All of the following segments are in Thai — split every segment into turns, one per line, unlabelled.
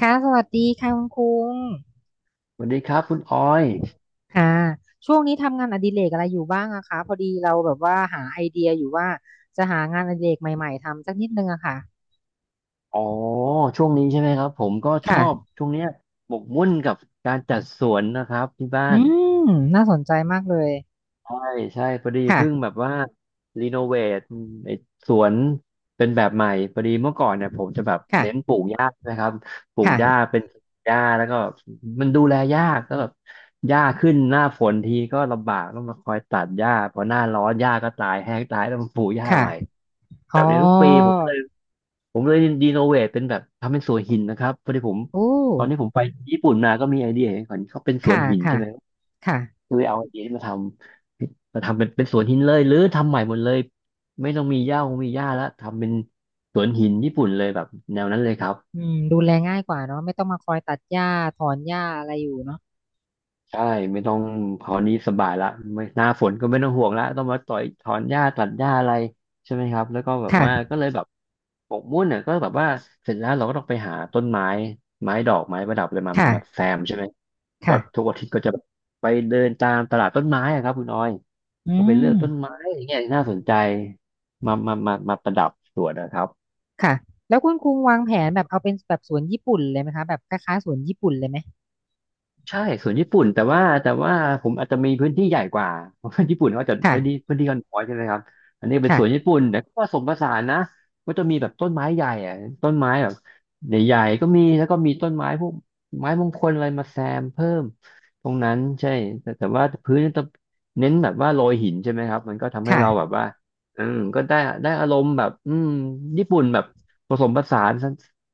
ค่ะสวัสดีค่ะคุณคุง
สวัสดีครับคุณออย
ค่ะช่วงนี้ทำงานอดิเรกอะไรอยู่บ้างอะคะพอดีเราแบบว่าหาไอเดียอยู่ว่าจะหางานอดิเรกใหม่ๆทำสักนิดนึงอะค่ะ
อ๋อช่วงนี้ใช่ไหมครับผมก็ชอบ
ค่ะ
ช่วงเนี้ยหมกมุ่นกับการจัดสวนนะครับที่บ้า
อื
น
มน่าสนใจมากเลย
ใช่พอดี
ค่ะ
เพิ่งแบบว่ารีโนเวทไอ้สวนเป็นแบบใหม่พอดีเมื่อก่อนเนี่ยผมจะแบบเน้น
ค่ะ
ปลูกหญ้านะครับปลูกหญ้า
ค่ะ
เป็นหญ้าแล้วก็มันดูแลยากก็แบบหญ้าขึ้นหน้าฝนทีก็ลำบากต้องมาคอยตัดหญ้าพอหน้าร้อนหญ้าก็ตายแห้งตายต้องมาปลูกหญ้า
ค่ะ
ใหม่แบ
อ๋อ
บเนี้ยทุกปีผมเลยรีโนเวทเป็นแบบทำเป็นสวนหินนะครับพอดีผม
โอ้
ตอนที่ผมไปญี่ปุ่นมาก็มีไอเดียเห็นเขาเป็นสวน
ค่ะ
หิน
ค่ะ
ใช่ไหม
ค่ะ
คือเอาไอเดียที่มาทำเป็นสวนหินเลยหรือทำใหม่หมดเลยไม่ต้องมีหญ้าคงมีหญ้าแล้วทำเป็นสวนหินญี่ปุ่นเลยแบบแนวนั้นเลยครับ
อืมดูแลง่ายกว่าเนาะไม่ต้องมาคอยตัดหญ้าถอนหญ้าอะไรอยู่เนาะ
ใช่ไม่ต้องคราวนี้สบายละไม่หน้าฝนก็ไม่ต้องห่วงละต้องมาต่อยถอนหญ้าตัดหญ้าอะไรใช่ไหมครับแล้วก็แบบว่า
ค่ะ
ก็เลยแบบหมกมุ่นเนี่ยก็แบบว่าเสร็จแล้วเราก็ต้องไปหาต้นไม้ไม้ดอกไม้ประดับอะไรมามา
ค่ะ
แซมใช่ไหมก็
ค่ะ
ทุกอาทิตย์ก็จะไปเดินตามตลาดต้นไม้อะครับคุณออย
อื
ก็ไปเลือก
ม
ต้นไม้อย่างเงี้ยน่าสนใจมามามามาประดับสวนนะครับ
ค่ะแล้วคุณคุงวางแผนแบบเอาเป็นแบบสวนญี่ปุ่นเลยไหมคะแบบคล้ายๆสวนญี่ปุ่นเลยไหม
ใช่ส่วนญี่ปุ่นแต่ว่าผมอาจจะมีพื้นที่ใหญ่กว่า เพราะว่าญี่ปุ่นเขาจะ
ค่ะ
พื้นที่กันน้อยใช่ไหมครับอันนี้เป็นสวนญี่
ค่ะ
ปุ่นแต่ก็ผสมผสานนะก็จะมีแบบต้นไม้ใหญ่อะต้นไม้แบบใหญ่ๆก็มีแล้วก็มีต้นไม้พวกไม้มงคลอะไรมาแซมเพิ่มตรงนั้นใช่แต่ว่าพื้นจะเน้นแบบว่าโรยหินใช่ไหมครับมันก็ทำให้เราแบ
ค่ะ
บว่าอืมก็ได้อารมณ์แบบอืมญี่ปุ่นแบบผสมผสาน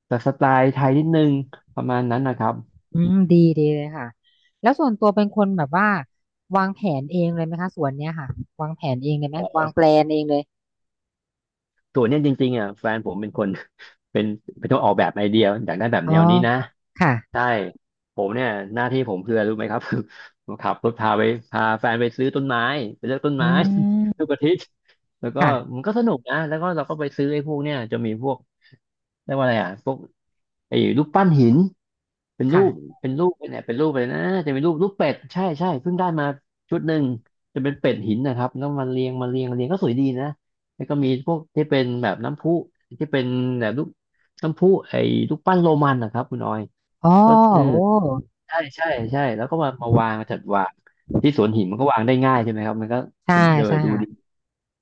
แต่สไตล์ไทยนิดนึงประมาณนั้นนะครับ
อืมดีดีเลยค่ะแล้วส่วนตัวเป็นคนแบบว่าวางแผนเองเลยไหมคะสวนเนี้ยค่ะวางแผนเองเลยไหม
อ๋
วางแปล
อ
นเองเลย
ส่วนเนี้ยจริงๆอ่ะแฟนผมเป็นคน เป็นเป็นคนออกแบบไอเดียอยากได้แบบ
อ๋อ
แนวนี้นะ
ค่ะ
ใช่ผมเนี่ยหน้าที่ผมคืออะไรรู้ไหมครับ คือ ขับรถพาไปพาแฟนไปซื้อต้นไม้ไปเลือกต้น
อื
ไม้ ทุ
ม
กอาทิตย์แล้วก็
ค่ะ
มันก็สนุกนะแล้วก็เราก็ไปซื้อไอ้พวกเนี่ยจะมีพวกเรียกว่าอะไรอ่ะพวกไอ้รูปปั้นหิน เป็นรูป
ค่ะ
เป็นรูปเนี่ยเป็นรูปเลยนะจะเป็นรูปเป็ดใช่ใช่เพิ่งได้มาชุดหนึ่งจะเป็นเป็ดหินนะครับแล้วมันเรียงมาเรียงเรียงก็สวยดีนะแล้วก็มีพวกที่เป็นแบบน้ำพุที่เป็นแบบรูปน้ำพุไอ้รูปปั้นโรมันนะครับคุณออย
อ๋อ
ก็เออ
โอ้
ใช่ใช่ใช่แล้วก็มามาวางจัดวางที่สวนหินมันก็วางได้ง่ายใช่ไหมครับมันก็
ใช่
เดิ
ใช่
นดูดี
ค่ะ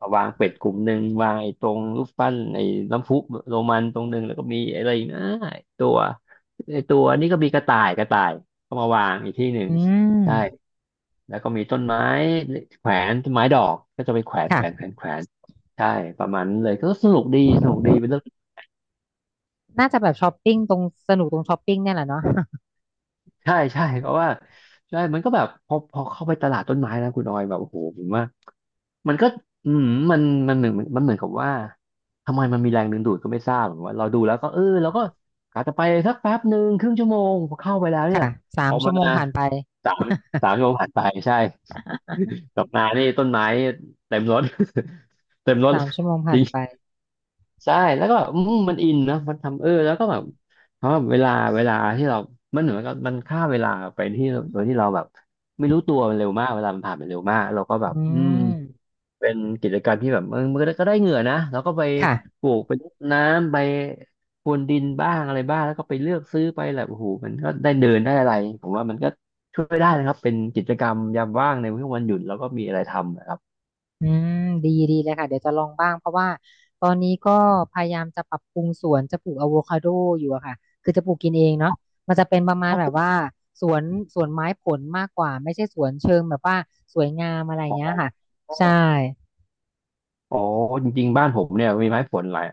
มาวางเป็ดกลุ่มหนึ่งวางไอ้ตรงรูปปั้นไอ้น้ำพุโรมันตรงหนึ่งแล้วก็มีอะไรอีกนะไอ้ตัวไอ้ตัวนี่ก็มีกระต่ายกระต่ายก็มาวางอีกที่หนึ่ง
อืม
ใช่แล้วก็มีต้นไม้แขวนต้นไม้ดอกก็จะไปแขวนแขวนแข
ค่ะ
วนแขวนใช่ประมาณนั้นเลยก็สนุกดีสนุกดีเป็นเรื่อง
น่าจะแบบช้อปปิ้งตรงสนุกตรงช้อปปิ้งเนี่ยแหละเนาะ
ใช่ใช่เพราะว่าใช่มันก็แบบพอเข้าไปตลาดต้นไม้นะคุณออยแบบโอ้โหผมว่ามันก็อืมมันมันเหมือนกับว่าทำไมมันมีแรงดึงดูดก็ไม่ทราบเหมือนว่าเราดูแล้วก็เออเราก็กะจะไปสักแป๊บหนึ่งครึ่งชั่วโมงพอเข้าไปแล้ว เนี่ย
ค่ะสา
อ
ม
อก
ชั่
มา
วโมงผ่านไป
สามสามชั่วโมงผ่านไปใช่ กลับมานี่ต้นไม้เต็มรถ เต็มรถ
3 ชั่วโมงผ่านไป
ใช่แล้วก็แบบอืมมันอินนะมันทำเออแล้วก็แบบเพราะว่าเวลาที่เรามันเหมือนกับมันฆ่าเวลาไปที่โดยที่เราแบบไม่รู้ตัวมันเร็วมาก เวลามันผ่านไปเร็วมากเราก็แบบ
อื
อืม
ม
เป็นกิจกรรมที่แบบมันก็ได้เหงื่อนะแล้วก็ไป
ค่ะ
ปลูกไปรดน้ำไปพรวนดินบ้างอะไรบ้างแล้วก็ไปเลือกซื้อไปแหละโอ้โหมันก็ได้เดินได้อะไรผมว่ามันก็ช่วยได้นะครับเป็นกิจกรรมยามว่างในช่วงวันหยุดแล้วก็มีอะไรทำนะครับ
อืมดีดีเลยค่ะเดี๋ยวจะลองบ้างเพราะว่าตอนนี้ก็พยายามจะปรับปรุงสวนจะปลูกอะโวคาโดอยู่อะค่ะคือจะปลูกกินเองเนาะมันจะเป็นประมาณ
พ่อ
แบ
ปลู
บ
ก
ว่าสวนสวนไม้ผลมากกว่าไม่ใช่สวนเชิงแบบว่าสวยงามอะไร
ขอ
เงี้ยค่ะ
ง
ใช่
อ๋อจริงๆบ้านผมเนี่ยมีไม้ผลหลาย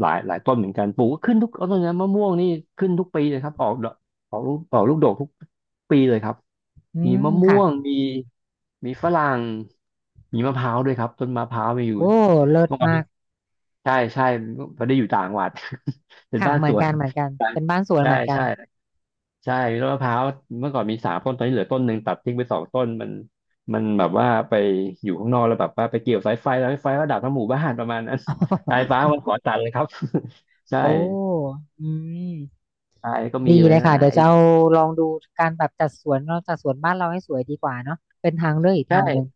หลายต้นเหมือนกันปลูกก็ขึ้นทุกต้นนะมะม่วงนี่ขึ้นทุกปีเลยครับออกดอกออกลูกดกทุกปีเลยครับ
อื
มี
ม
มะม่
ค่ะ
วงมีฝรั่งมีมะพร้าวด้วยครับต้นมะพร้าวมีอยู่
โอ้เลิศ
เมื่อก่อน
มา
มี
ก
ใช่ใช่พอได้อยู่ต่างจังหวัด เป็น
ค่ะ
บ้าน
เห
ส
มือน
วน
กันเหมือนกัน
ใช่
เป็นบ้านสวน
ใช่
เหมือนกัน
ใช่ ใช่ต้นมะพร้าวเมื่อก่อนมี3 ต้นตอนนี้เหลือต้นหนึ่งตัดทิ้งไป2 ต้นมันแบบว่าไปอยู่ข้างนอกแล้วแบบว่าไปเกี่ยวสายไฟแล้วสายไฟก็ดับทั้งหมู่บ้านประมาณนั้นสายฟ้า มันขอตัดเลยครับ ใช่
โอ้อืม
ตายก็มี
ดี
เล
เล
ย
ย
นะ
ค่ะเดี๋ยว
ไอ้
จะเอาลองดูการแบบจัดสวนเราจัดสวนบ้านเราให้สวยดีกว่าเนาะเป็นทางเลือกอีก
ใช่
ทางหนึ่ง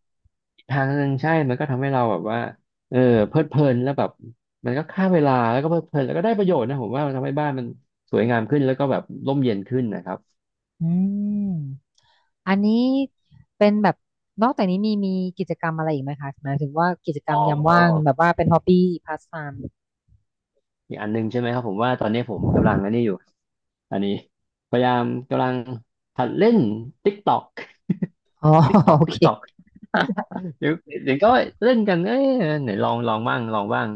อีกทางหนึ่งใช่มันก็ทำให้เราแบบว่าเออเพลิดเพลินแล้วแบบมันก็ฆ่าเวลาแล้วก็เพลิดเพลินแล้วก็ได้ประโยชน์นะผมว่ามันทำให้บ้านมันสวยงามขึ้นแล้วก็แบบร่มเย็นขึ้นนะครับ
อืมอันนี้เป็นแบบนอกจากนี้มีกิจกรรมอะไรอีกไหมคะหมายถึงว่ากิจกรร
อ๋
ม
อ
ยามว่างแบบว่าเป็นฮอบบี้พาสไทม์
อีกอันหนึงใช่ไหมครับผมว่าตอนนี้ผมกำลังอันนี้อยู่อันนี้พยายามกำลังหัดเล่น TikTok
อ๋อ
TikTok
โอเค
TikTok
ค่ะ
เดี๋ยวเดี๋ยวก็เล่นกันเอ้ยไหนลองลองบ้างลองบ้าง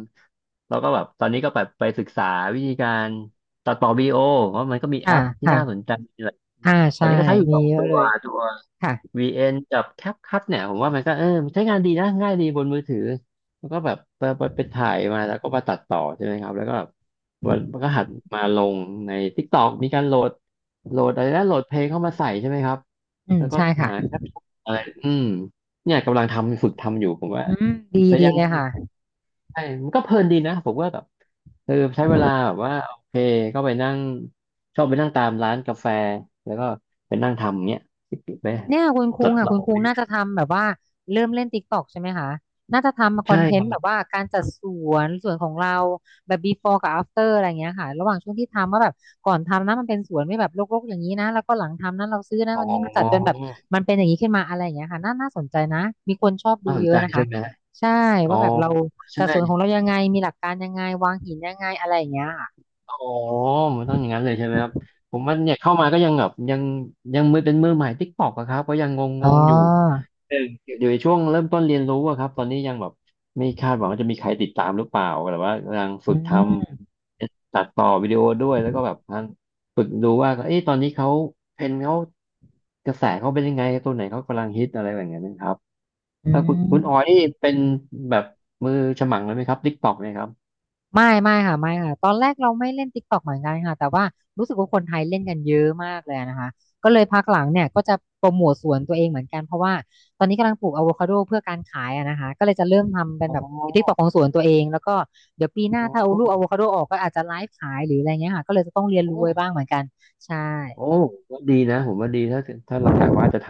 แล้วก็แบบตอนนี้ก็แบบไปศึกษาวิธีการตัดต่อวิดีโอเพราะมันก็มีแอปที่
ค่ะ
น่าสนใจหลาย
อ่า
ตอ
ใช่
นนี้ก็ใช้อยู่
มี
สอง
เยอะ
ตั
เล
ว
ย
ตัว
ค่ะ
VN กับแคปคั t เนี่ยผมว่ามันก็มันใช้งานดีนะง่ายดีบนมือถือแล้วก็แบบไปถ่ายมาแล้วก็มาตัดต่อใช่ไหมครับแล้วก็มันก็หัดมาลงใน TikTok มีการโหลดอะไรนะโหลดเพลงเข้ามาใส่ใช่ไหมครับ
อืม
แล้วก็
ใช่ค่ะ
หาแคปชั่นอะไรอืมเนี่ยกำลังทำฝึกทำอยู่ผมว่า
อืมดี
แต่
ดี
ยัง
เลยค่ะ
ใช่มันก็เพลินดีนะ ผมว่าแบบใช้เวลาแบบว่าโอเคก็ไปนั่งชอบไปนั่งตามร้านกาแฟ แล้วก็ไปนั่งทำเนี้ยปิดๆไป
เนี่ยคุณคุ
จั
ง
ด
อ่ะ
เรา
คุณคุ
ไป
งน่าจะทำแบบว่าเริ่มเล่นติ๊กตอกใช่ไหมคะน่าจะทำคอ
ใช่
นเท
ค
น
รั
ต์แบ
บ
บว่าการจัดสวนของเราแบบ before กับ after อะไรเงี้ยค่ะระหว่างช่วงที่ทำว่าแบบก่อนทำนะมันเป็นสวนไม่แบบรกๆอย่างนี้นะแล้วก็หลังทำนะเราซื้อนะ
อ๋
วันนี้มาจัดจนแบ
อ
บมันเป็นอย่างนี้ขึ้นมาอะไรอย่างเงี้ยค่ะน่าน่าสนใจนะมีคนชอบดู
น่าสน
เยอะ
ใจ
นะคะ
ใช่ไหม
ใช่
อ๋อ
ว่าแบบเรา
ใช่
จัดสวนของเรายังไงมีหลักการยังไงวางหินยังไงอะไรอย่างเงี้ยค่ะ
อ๋อ มันต้องอย่างนั้นเลยใช่ไหมครับ ผมว่าเนี่ยเข้ามาก็ยังแบบยังมือเป็นมือใหม่ติ๊กตอกอะครับก็ยังง
อ๋
งๆอยู่
อ
เอออยู่ในช่วงเริ่มต้นเรียนรู้อะครับตอนนี้ยังแบบไม่คาดหวังว่าจะมีใครติดตามหรือเปล่าแต่ว่ากำลังฝึ
อื
กท
ม
ำตัดต่อวิดีโอด้วยแล้วก็แบบฝึกดูว่าเอ้ยตอนนี้เขาเทรนด์เขากระแสเขาเป็นยังไงตัวไหนเขากำลังฮิตอะไรแบบนี้นะครับ
อื
แล้วคุณออย
ม
นี่เป็นแบบมือฉมังเลยไหมครับติ๊กต็อกเนี่ยครับ
ไม่ไม่ค่ะไม่ค่ะตอนแรกเราไม่เล่น TikTok เหมือนกันค่ะแต่ว่ารู้สึกว่าคนไทยเล่นกันเยอะมากเลยนะคะก็เลยพักหลังเนี่ยก็จะโปรโมทสวนตัวเองเหมือนกันเพราะว่าตอนนี้กำลังปลูกอะโวคาโดเพื่อการขายอะนะคะก็เลยจะเริ่มทำเป็น
อ๋
แบบ
อ
TikTok ของสวนตัวเองแล้วก็เดี๋ยวปีหน้า
อ๋อ
ถ้าเอาลูกอะโวคาโดออกก็อาจจะไลฟ์ขายหรืออะไรเงี้ยค่ะก็เลยจะต้องเรียน
โอ
รู้ไว้
้
บ้างเหมือนกันใช่
โอ้วดีนะผมว่าดีถ้าเรากะว่าจะท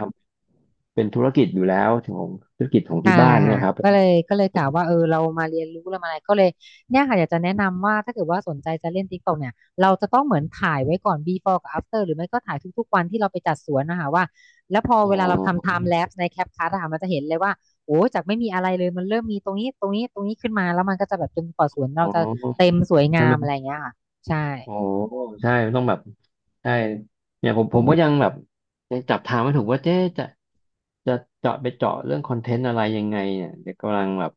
ำเป็นธุรกิจอยู่แล้วของธุรกิจของ
ใช่
ที่บ้านเนี่
ค่ะ
ยครับ
ก็เลยกล่าวว่าเออเรามาเรียนรู้เรามาอะไรก็เลยเนี่ยค่ะอยากจะแนะนำว่าถ้าเกิดว่าสนใจจะเล่น TikTok เนี่ยเราจะต้องเหมือนถ่ายไว้ก่อน before กับ after หรือไม่ก็ถ่ายทุกๆวันที่เราไปจัดสวนนะคะว่าแล้วพอ
อ๋
เวลาเราทำ
อ
time lapse ใน CapCut อะค่ะมันจะเห็นเลยว่าโอ้จากไม่มีอะไรเลยมันเริ่มมีตรงนี้ขึ้นมาแล้วมันก็จะแบบจนกว่าสวนเรา
อ๋อ
จะเต็มสวย
ใช่
งา
ไหม
มอะไรอย่างเงี้ยค่ะใช่
โอ้ใช่ต้องแบบใช่เนี่ยผมก็ยังแบบยังจับทางไม่ถูกว่าเจ๊จะจะเจาะไปเจาะเรื่องคอนเทนต์อะไรยังไงเนี่ยเดี๋ยวกำลังแบบ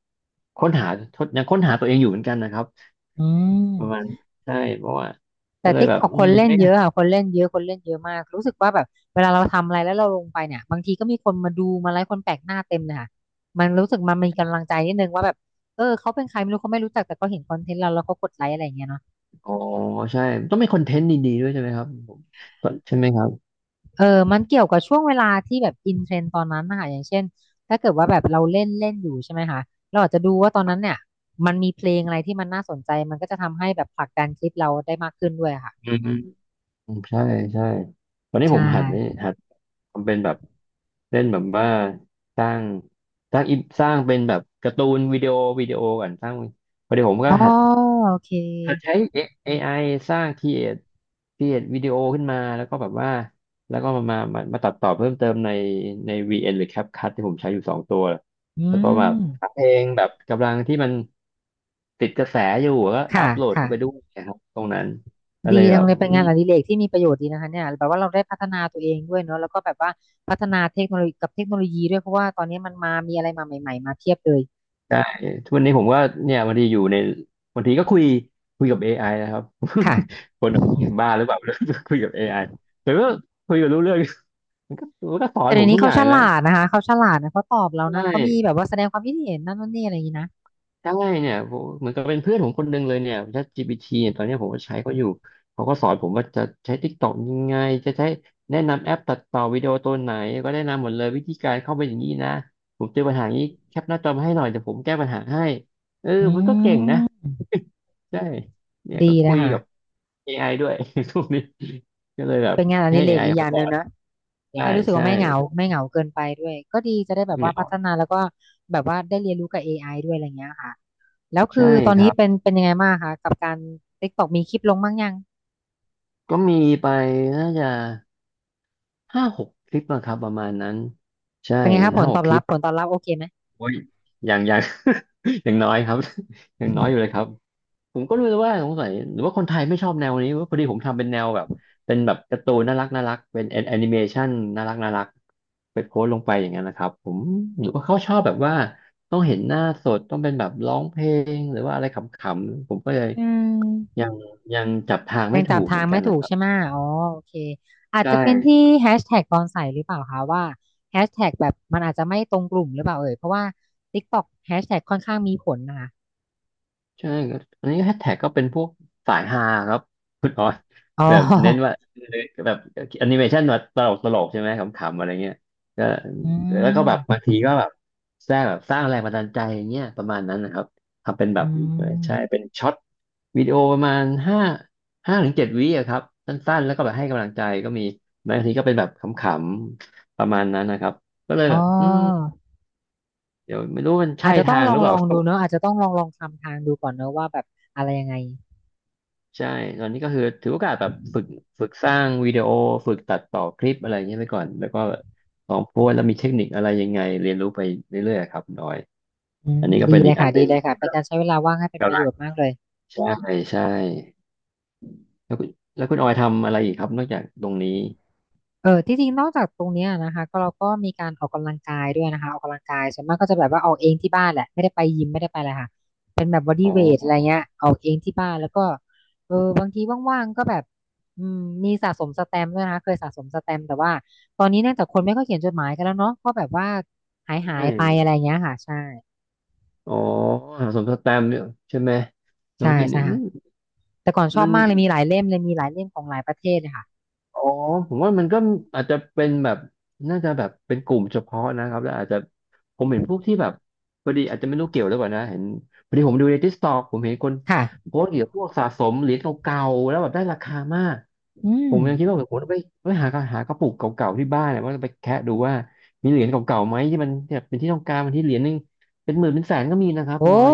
ค้นหาทดยังค้นหาตัวเองอยู่เหมือนกันนะครับ
อื
ประมาณ
ม
ใช่เพราะว่า
แต่
ก็เลย
ติ๊ก
แบบ
ออก
อื
คน
ม
เล่น
ไม่
เยอะค่ะคนเล่นเยอะคนเล่นเยอะมากรู้สึกว่าแบบเวลาเราทำอะไรแล้วเราลงไปเนี่ยบางทีก็มีคนมาดูมาไลค์คนแปลกหน้าเต็มเลยค่ะมันรู้สึกมันมีกำลังใจนิดนึงว่าแบบเออเขาเป็นใครไม่รู้เขาไม่รู้จักแต่ก็เห็นคอนเทนต์เราแล้วก็กดไลค์อะไรอย่างเงี้ยเนาะ
อ๋อใช่ต้องมีคอนเทนต์ดีๆด้วยใช่ไหมครับผมใช่ไหมครับ
เออมันเกี่ยวกับช่วงเวลาที่แบบอินเทรนด์ตอนนั้นนะคะอย่างเช่นถ้าเกิดว่าแบบเราเล่นเล่นอยู่ใช่ไหมคะเราอาจจะดูว่าตอนนั้นเนี่ยมันมีเพลงอะไรที่มันน่าสนใจมันก็จะทำให้แบบผลักดันคลิปเราได้มากขึ้นด้วยอะค่ะ
อืม อืมใช่ใช่วันนี้ผ
ใช่
มหัดนี่หัดทำเป็นแบบเล่นแบบว่าสร้างสร้างอินสร้างเป็นแบบการ์ตูนวิดีโอก่อนสร้างพอดีผมก็
อ๋อ
หัด
โอเค
หัดใช้ A- ไ i สร้างครีเอทวิดีโอขึ้นมาแล้วก็แบบว่าแล้วก็มาตัดต่อเพิ่มเติมในใน VN หรือ CapCut ที่ผมใช้อยู่2 ตัว
อื
แล้วก็แบบ
ม
หาเพลงแบบกำลังที่มันติดกระแสอยู่ก็อั
ค่ะ
ปโหลด
ค่ะ
เข้าไปด้วยนะครับตรงนั้นก็เล
ดี
ย
จั
แบ
ง
บ
เลยเป็นงานอดิเรกที่มีประโยชน์ดีนะคะเนี่ยแบบว่าเราได้พัฒนาตัวเองด้วยเนอะแล้วก็แบบว่าพัฒนาเทคโนโลยีกับเทคโนโลยีด้วยเพราะว่าตอนนี้มันมามีอะไรมาใหม่ๆมาเพียบเลย
ใช่ทุกวันนี้ผมก็เนี่ยบางทีอยู่ในบางทีก็คุยกับ AI นะครับ
ค่ะ
คนแบบบ้าหรือเปล่า คุยกับ AI แต่ว่าคุยกับรู้เรื่อง มันก็สอน
แต่
ผ
เดี๋ย
ม
วนี้
ทุกอ
เขา
ย่าง
ฉ
นะ
ลาดนะคะเขาฉลาดนะเขาตอบเรา
ใช่
นะเขามีแบบว่าแสดงความคิดเห็นนั่นนู่นนี่อะไรอย่างนี้นะ
ได้เนี่ยผมเหมือนกับเป็นเพื่อนผมคนหนึ่งเลยเนี่ย ChatGPT เนี่ยตอนเนี้ยผมก็ใช้เขาอยู่เขาก็สอนผมว่าจะใช้ TikTok ยังไงจะใช้แนะนำแอปตัดต่อวิดีโอตัวไหนก็แนะนำหมดเลยวิธีการเข้าไปอย่างนี้นะผมเจอปัญหานี้แคปหน้าจอมาให้หน่อยเดี๋ยวผมแก้ปัญหาให้เออ
อื
มันก็เก่งนะ
ม
ใช่เนี่ย
ดี
ก็คุ
นะ
ย
คะ
กับ AI ด้วย ทุกนี้ก็เลยแบบ
เป็นงานอ
ให้
ดิเรก
AI
อีกอ
มา
ย่าง
ส
ห
อ
นึ่ง
น
นะ
ใช่
ให้รู้สึก
ใช่
ว่าไม่เหงา
ครั
ไม่
บ
เหงาเกินไปด้วยก็ดีจะได้แบบ
เห
ว่าพั
งา
ฒนาแล้วก็แบบว่าได้เรียนรู้กับเอไอด้วยอะไรอย่างเงี้ยค่ะ แล้วคือ
ใช่
ตอน
ค
นี้
รับ
เป็นยังไงบ้างคะกับการ TikTok มีคลิปลงบ้างยัง
ก็มีไปน่าจะ ห้าหกคลิปอะครับประมาณนั้นใช่
เป็นไงคะผ
ห้า
ล
ห
ต
ก
อบ
คลิ
รับ
ป
ผลตอบรับโอเคไหม
โอ้ยอย่าง อย่างน้อยครับ อย่างน้อยอยู่เลยครับผมก็ไม่รู้ว่าสงสัยหรือว่าคนไทยไม่ชอบแนวนี้ว่าพอดีผมทำเป็นแนวแบบเป็นแบบการ์ตูนน่ารักน่ารักเป็นแอนิเมชันน่ารักน่ารักไปโพสต์ลงไปอย่างนั้นนะครับผมหรือว่าเขาชอบแบบว่าต้องเห็นหน้าสดต้องเป็นแบบร้องเพลงหรือว่าอะไรขำๆผมก็เลย
อืม
ยังยังจับทาง
ยั
ไม่
ง
ถู
จับ
กเห
ทา
มื
ง
อนกั
ไม่
น
ถู
นะ
ก
ครับ
ใช่ไหมอ๋อโอเคอา
ใช
จจะเป็นที่
่
แฮชแท็กตอนใส่หรือเปล่าคะว่าแฮชแท็กแบบมันอาจจะไม่ตรงกลุ่มหรือเปล่าเอ่ยเพราะว่า TikTok แฮชแท็กค่อนข้างมีผลนะคะ
ใช่ครับอันนี้แฮชแท็กก็เป็นพวกสายฮาครับคุณออย
อ๋อ
แบบเน้นว่าแบบแอนิเมชันแบบตลกตลกใช่ไหมขำๆอะไรเงี้ยก็
อื
แล้วก็แบบบา
ม
งทีก็แบบสร้างแบบสร้างแรงบันดาลใจอย่างเงี้ยประมาณนั้นนะครับทำเป็นแบ
อื
บเออใช่
ม
เป็นช็อตวิดีโอประมาณห้าถึงเจ็ดวิอะครับสั้นๆแล้วก็แบบให้กำลังใจก็มีบางทีก็เป็นแบบขำๆประมาณนั้นนะครับก็เลย
อ๋
แบบ
อ
เดี๋ยวไม่รู้มัน
อา
ใช่
จจะต้อ
ทา
ง
ง
ล
ห
อ
รื
ง
อเป
ล
ล่า
องดูเนอะอาจจะต้องลองทำทางดูก่อนเนอะว่าแบบอะไรยังไง
ใช่ตอนนี้ก็คือถือโอกาสแบบฝึกสร้างวิดีโอฝึกตัดต่อคลิปอะไรเงี้ยไปก่อนแล้วก็ลองโพสต์แล้วมีเทคนิคอะไรยังไงเรียนรู้ไปเรื่อยๆครับคุณออย
อื
อัน
ม
นี้ก็
ดี
เป็น
เล
อีก
ย
อั
ค่ะ
นห
ดี
นึ่ง
เลยค่ะเป็นการใช้เวลาว่างให้เป็นประ
กำ
โย
ลัง
ชน์มากเลย
ใช่ใช่แล้วคุณแล้วคุณออยทำอะไรอีกครับนอกจากตรงนี้
เออที่จริงนอกจากตรงเนี้ยนะคะก็เราก็มีการออกกำลังกายด้วยนะคะออกกำลังกายส่วนมากก็จะแบบว่าออกเองที่บ้านแหละไม่ได้ไปยิมไม่ได้ไปอะไรค่ะเป็นแบบบอ
อ๋
ดี้เวทอะไร
อ
เงี้ยออกเองที่บ้านแล้วก็เออบางทีว่างๆก็แบบอืมมีสะสมสแตมป์ด้วยนะคะเคยสะสมสแตมป์แต่ว่าตอนนี้เนื่องจากคนไม่ค่อยเขียนจดหมายกันแล้วเนาะก็แบบว่าหายหา
ใช่
ยไปอะไรเงี้ยค่ะใช่
อ๋อสมสแตมป์เนี่ยใช่ไหมสมส
ใช่
แตมป์
ใช่
นี่
ค่ะแต่ก่อนชอ
มั
บ
น
มากเลยมีหลายเล่มเลยมีหลายเล่มของหลายประเทศเลยค่ะ
อ๋อผมว่ามันก็อาจจะเป็นแบบน่าจะแบบเป็นกลุ่มเฉพาะนะครับแล้วอาจจะผมเห็นพวกที่แบบพอดีอาจจะไม่รู้เกี่ยวหรือเปล่านะเห็นพอดีผมดูในทิกตอกผมเห็นคน
ค่ะ
โพสต์เกี่ยวกับพวกสะสมเหรียญเก่าๆแล้วแบบได้ราคามาก
อื
ผ
ม
มยังคิดว่าผมต้องไปหากระปุกเก่าๆที่บ้านนะว่าจะไปแคะดูว่ามีเหรียญเก่าๆไหมที่มันแบบเป็นที่ต้องการมันที่เหรียญหนึงเป็นหมื่นเป็นแสนก็มีนะครับ
โอ้
คุณน้อย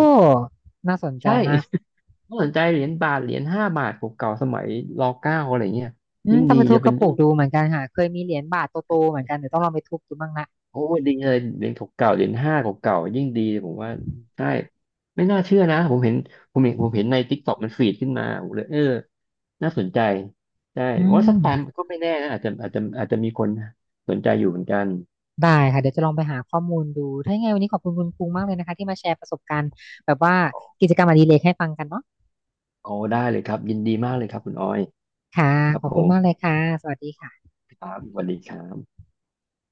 น่าสนใจ
ใช่
มาก
ถ้าสนใจเหรียญบาทเหรียญ 5 บาทเก่าๆสมัยรเก้าอะไรเงี้ย
อืม
ยิ่ง
ต้อง
ดี
ไปทุ
จะ
บก
เป็น
ระปุ
รุ่
ก
น
ดูเหมือนกันค่ะเคยมีเหรียญบาทโตๆเหมือนกันเดี๋ยวต้องลองไปทุบดูบ้างละ
โอ้ดีเลยเหรียญเก่าๆเหรียญห้าเก่าๆยิ่งดีเลยผมว่าใช่ไม่น่าเชื่อนะผมเห็นในทิกตอกมันฟีดขึ้นมาผมเลยเออน่าสนใจใช่
อื
ว่า
ม
สักตามก็ไม่แน่นะอาจจะมีคนสนใจอยู่เหมือนกัน
ได้ค่ะเดี๋ยวจะลองไปหาข้อมูลดูถ้ายังไงวันนี้ขอบคุณคุณภูมิมากเลยนะคะที่มาแชร์ประสบการณ์แบบว่ากิจกรรมอดิเรกให้ฟังกันเนาะ
โอ้ได้เลยครับยินดีมากเลยครับคุณออย
ค่ะ
ครับ
ขอบ
ผ
คุณ
ม
มากเลยค่ะสวัสดีค่ะ
ครับสวัสดีครับ